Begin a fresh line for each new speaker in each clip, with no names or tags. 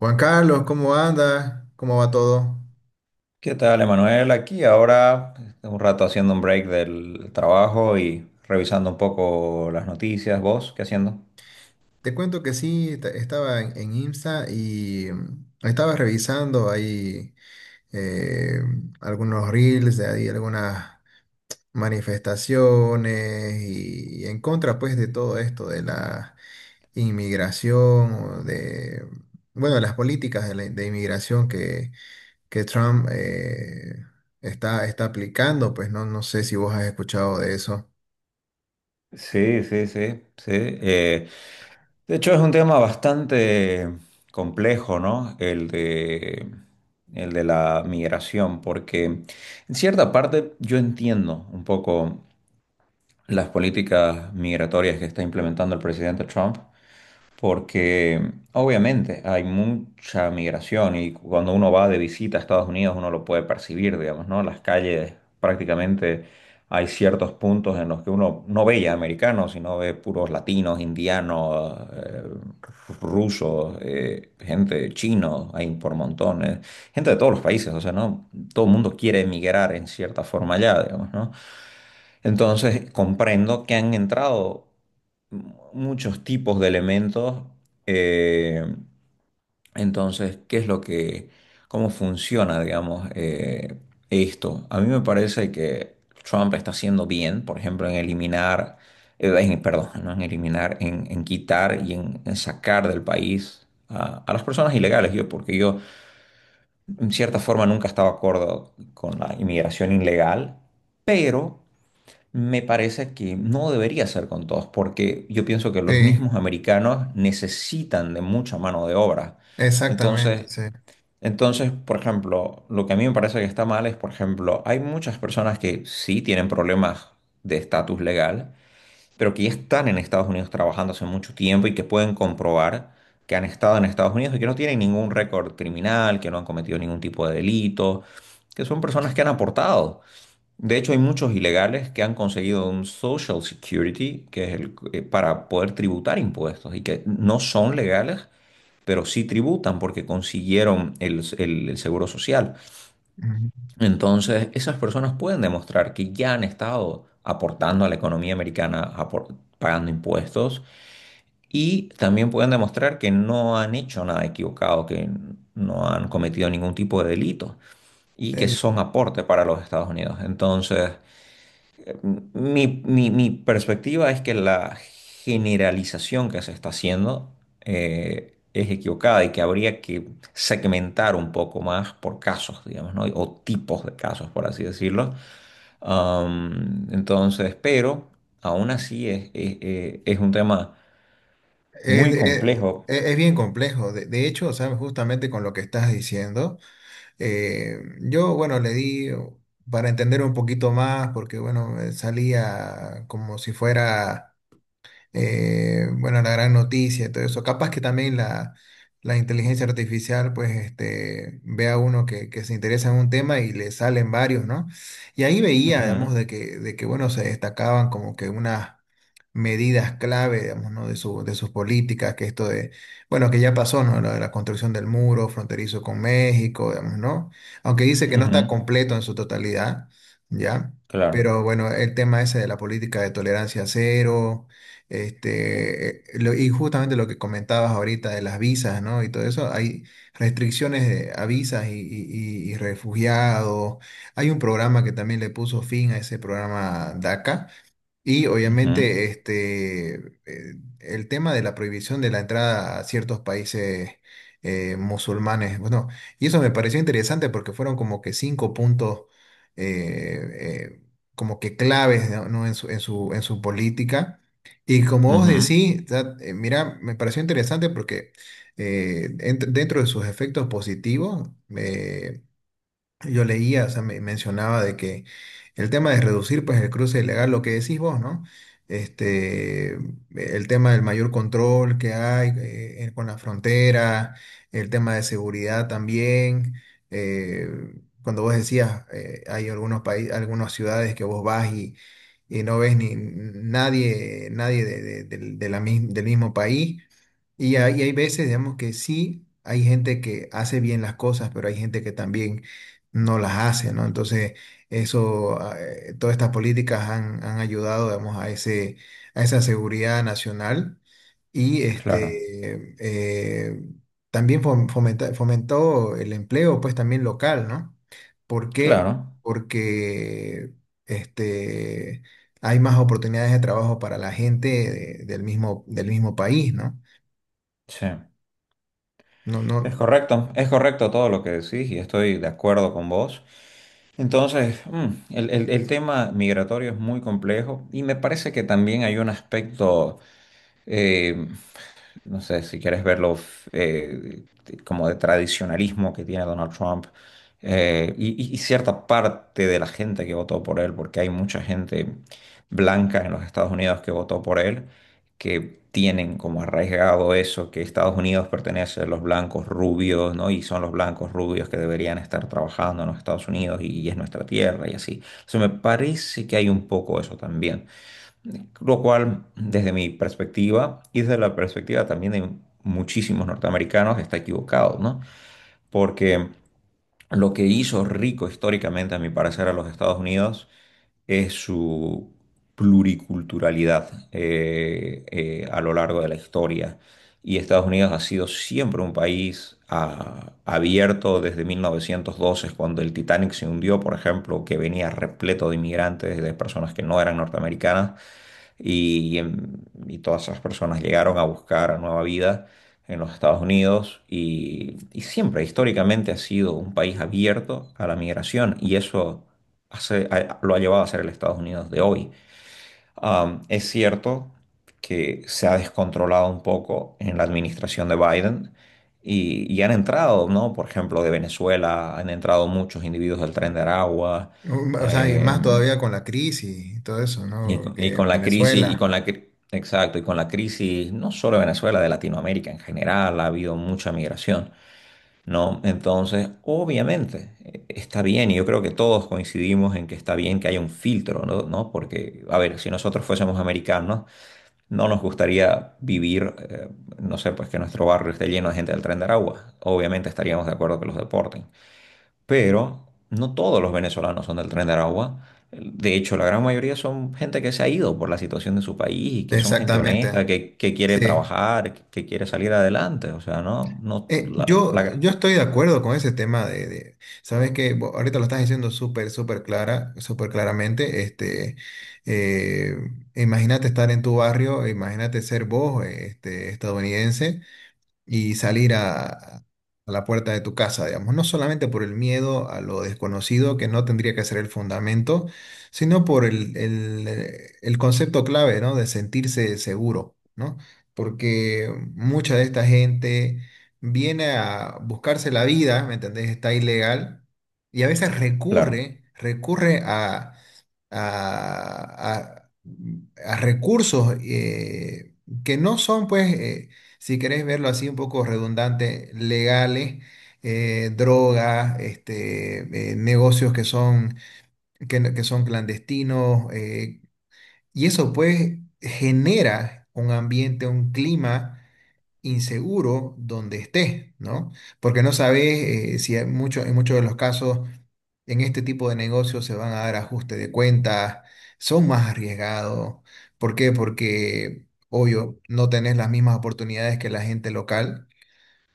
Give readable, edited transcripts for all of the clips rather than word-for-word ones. Juan Carlos, ¿cómo anda? ¿Cómo va todo?
¿Qué tal, Emanuel? Aquí ahora un rato haciendo un break del trabajo y revisando un poco las noticias. ¿Vos qué haciendo?
Te cuento que sí, estaba en Insta y estaba revisando ahí eh, algunos reels de ahí, algunas manifestaciones y en contra pues de todo esto de la inmigración, o de las políticas de de inmigración que Trump está aplicando, pues no sé si vos has escuchado de eso.
Sí, sí, sí, sí. De hecho, es un tema bastante complejo, ¿no? El de la migración, porque en cierta parte yo entiendo un poco las políticas migratorias que está implementando el presidente Trump, porque obviamente hay mucha migración y cuando uno va de visita a Estados Unidos uno lo puede percibir, digamos, ¿no? Las calles prácticamente hay ciertos puntos en los que uno no ve ya americanos, sino ve puros latinos, indianos, rusos, gente chino, hay por montones, gente de todos los países, o sea, ¿no? Todo el mundo quiere emigrar en cierta forma allá, digamos, ¿no? Entonces, comprendo que han entrado muchos tipos de elementos. eh, entonces, ¿qué es lo que, cómo funciona, digamos, esto? A mí me parece que Trump está haciendo bien, por ejemplo, en eliminar, perdón, no en eliminar, en quitar y en sacar del país. A las personas ilegales, yo, porque yo en cierta forma nunca estaba de acuerdo con la inmigración ilegal, pero me parece que no debería ser con todos, porque yo pienso que los
Sí,
mismos americanos necesitan de mucha mano de obra.
exactamente,
Entonces,
sí.
entonces, por ejemplo, lo que a mí me parece que está mal es, por ejemplo, hay muchas personas que sí tienen problemas de estatus legal, pero que ya están en Estados Unidos trabajando hace mucho tiempo y que pueden comprobar que han estado en Estados Unidos y que no tienen ningún récord criminal, que no han cometido ningún tipo de delito, que son personas que han aportado. De hecho, hay muchos ilegales que han conseguido un Social Security, que es el para poder tributar impuestos y que no son legales, pero sí tributan porque consiguieron el seguro social.
Ujú.
Entonces, esas personas pueden demostrar que ya han estado aportando a la economía americana, pagando impuestos, y también pueden demostrar que no han hecho nada equivocado, que no han cometido ningún tipo de delito y que
Eh,
son aporte para los Estados Unidos. Entonces, mi perspectiva es que la generalización que se está haciendo es equivocada y que habría que segmentar un poco más por casos, digamos, ¿no? O tipos de casos, por así decirlo. Entonces, pero aún así es un tema
Es,
muy
es-
complejo.
es- bien complejo. De hecho, ¿sabes? Justamente con lo que estás diciendo, yo, bueno, le di para entender un poquito más, porque, bueno, salía como si fuera. Bueno, la gran noticia y todo eso. Capaz que también la inteligencia artificial, pues, este, ve a uno que se interesa en un tema y le salen varios, ¿no? Y ahí veía,
Ujú,
digamos, de que bueno, se destacaban como que unas medidas clave, digamos, ¿no? De sus políticas, que esto de, bueno, que ya pasó, ¿no? Lo de la construcción del muro fronterizo con México, digamos, ¿no? Aunque dice que no
ujú,
está completo en su totalidad, ¿ya?
claro.
Pero bueno, el tema ese de la política de tolerancia cero, este, y justamente lo que comentabas ahorita de las visas, ¿no? Y todo eso, hay restricciones a visas y refugiados. Hay un programa que también le puso fin a ese programa DACA y
Ujú,
obviamente este, el tema de la prohibición de la entrada a ciertos países musulmanes. Bueno, y eso me pareció interesante porque fueron como que cinco puntos eh, eh, como que claves, ¿no? En en su política. Y como vos
ujú,
decís, mira, me pareció interesante porque dentro de sus efectos positivos, eh, yo leía, o sea, me mencionaba de que el tema de reducir pues el cruce ilegal, lo que decís vos, ¿no? Este, el tema del mayor control que hay con la frontera, el tema de seguridad también. eh, Cuando vos decías, hay algunos países, algunas ciudades que vos vas y no ves ni nadie, nadie de- de- del de del mismo país. Y hay veces, digamos, que sí, hay gente que hace bien las cosas, pero hay gente que también no las hace, ¿no? Entonces, eso, todas estas políticas han ayudado, digamos, a ese, a esa seguridad nacional y
claro,
este, también fomentó el empleo, pues también local, ¿no? ¿Por qué?
claro.
Porque este, hay más oportunidades de trabajo para la gente del mismo país, ¿no?
Sí.
No, no,
Es correcto todo lo que decís y estoy de acuerdo con vos. Entonces, el tema migratorio es muy complejo y me parece que también hay un aspecto eh, no sé, si quieres verlo eh, como de tradicionalismo que tiene Donald Trump, y cierta parte de la gente que votó por él, porque hay mucha gente blanca en los Estados Unidos que votó por él, que tienen como arraigado eso, que Estados Unidos pertenece a los blancos rubios, ¿no? Y son los blancos rubios que deberían estar trabajando en los Estados Unidos y es nuestra tierra y así. O sea, me parece que hay un poco eso también. Lo cual, desde mi perspectiva y desde la perspectiva también de muchísimos norteamericanos, está equivocado, ¿no? Porque lo que hizo rico históricamente, a mi parecer, a los Estados Unidos es su pluriculturalidad a lo largo de la historia. Y Estados Unidos ha sido siempre un país abierto desde 1912, cuando el Titanic se hundió, por ejemplo, que venía repleto de inmigrantes, de personas que no eran norteamericanas y todas esas personas llegaron a buscar nueva vida en los Estados Unidos y siempre históricamente ha sido un país abierto a la migración y eso lo ha llevado a ser el Estados Unidos de hoy. Es cierto que se ha descontrolado un poco en la administración de Biden. Y han entrado, ¿no? Por ejemplo, de Venezuela, han entrado muchos individuos del Tren de Aragua,
no, o sea, y más
em,
todavía con la crisis y todo eso, ¿no?
y
Que
con la crisis, y
Venezuela,
con exacto, y con la crisis no solo de Venezuela, de Latinoamérica en general, ha habido mucha migración, ¿no? Entonces, obviamente, está bien, y yo creo que todos coincidimos en que está bien que haya un filtro, ¿no? ¿no? Porque, a ver, si nosotros fuésemos americanos, no nos gustaría vivir, no sé, pues que nuestro barrio esté lleno de gente del Tren de Aragua. Obviamente estaríamos de acuerdo que los deporten pero no todos los venezolanos son del Tren de Aragua. De hecho, la gran mayoría son gente que se ha ido por la situación de su país y que son gente
exactamente,
honesta, que quiere
sí.
trabajar, que quiere salir adelante. O sea, no, no,
Yo estoy de acuerdo con ese tema sabes que ahorita lo estás diciendo súper, súper clara, súper claramente, este, eh, imagínate estar en tu barrio, imagínate ser vos, este, estadounidense y salir a la puerta de tu casa, digamos, no solamente por el miedo a lo desconocido, que no tendría que ser el fundamento, sino por el concepto clave, ¿no? De sentirse seguro, ¿no? Porque mucha de esta gente viene a buscarse la vida, ¿me entendés? Está ilegal y a veces
claro.
recurre a a, a- mm, a recursos que no son, pues, si querés verlo así un poco redundante, legales, drogas, este, negocios que son, que, no- que son clandestinos, y eso pues genera un ambiente, un clima inseguro donde estés, ¿no? Porque no sabes si hay mucho, en muchos de los casos en este tipo de negocios se van a dar ajustes de cuentas, son más arriesgados. ¿Por qué? Porque, obvio, no tenés las mismas oportunidades que la gente local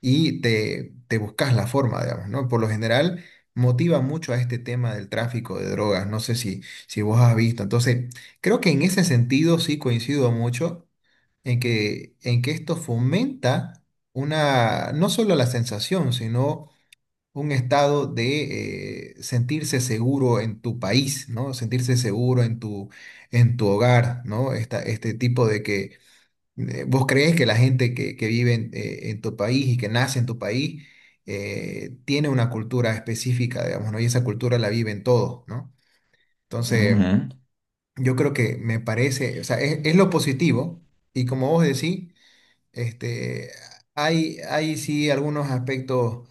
y te buscas la forma, digamos, ¿no? Por lo general, motiva mucho a este tema del tráfico de drogas. No sé si, si vos has visto. Entonces, creo que en ese sentido sí coincido mucho en en que esto fomenta una, no solo la sensación, sino un estado de sentirse seguro en tu país, ¿no? Sentirse seguro en en tu hogar, ¿no? Este tipo de que vos crees que la gente que vive en tu país y que nace en tu país tiene una cultura específica, digamos, ¿no? Y esa cultura la viven todos, ¿no?
Ujú,
Entonces, yo creo que me parece, o sea, es lo positivo. Y como vos decís, este, hay sí algunos aspectos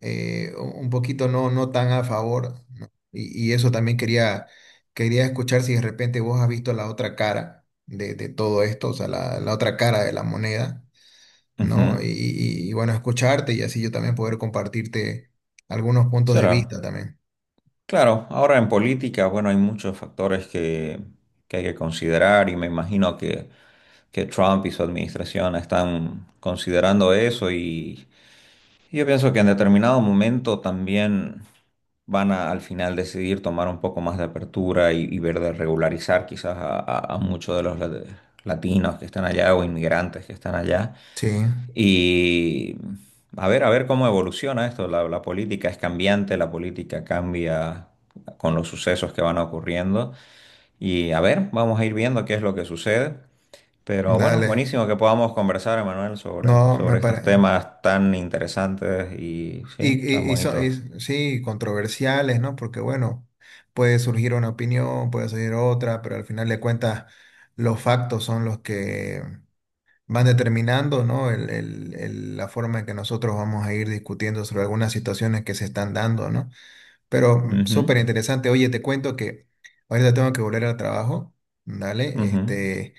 un poquito no, no tan a favor, ¿no? Y eso también quería escuchar si de repente vos has visto la otra cara de todo esto, o sea, la otra cara de la moneda, ¿no?
ujú.
Y bueno, escucharte y así yo también poder compartirte algunos puntos
Sí,
de vista
claro,
también.
claro, ahora en política, bueno, hay muchos factores que hay que considerar y me imagino que Trump y su administración están considerando eso y sí, yo pienso que en determinado momento también van a al final decidir tomar un poco más de apertura y ver de regularizar quizás a muchos de los latinos que están allá o inmigrantes que están allá.
Sí,
Y a ver cómo evoluciona esto. La política es cambiante, la política cambia con los sucesos que van ocurriendo. Y a ver, vamos a ir viendo qué es lo que sucede. Pero bueno,
dale.
buenísimo que podamos conversar, Emanuel, sobre,
No, me
sobre estos
parece.
temas tan interesantes y sí,
Y,
tan bonitos.
sí, controversiales, ¿no? Porque bueno, puede surgir una opinión, puede surgir otra, pero al final de cuentas los factos son los que van determinando, ¿no? La forma en que nosotros vamos a ir discutiendo sobre algunas situaciones que se están dando, ¿no? Pero súper
Ujú,
interesante. Oye, te cuento que ahorita tengo que volver al trabajo, ¿dale?
ujú.
Este,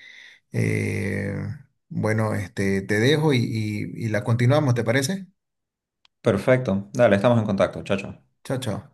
eh, bueno, este, te dejo y la continuamos, ¿te parece?
Perfecto. Dale, estamos en contacto. Chao, chao.
Chao, chao.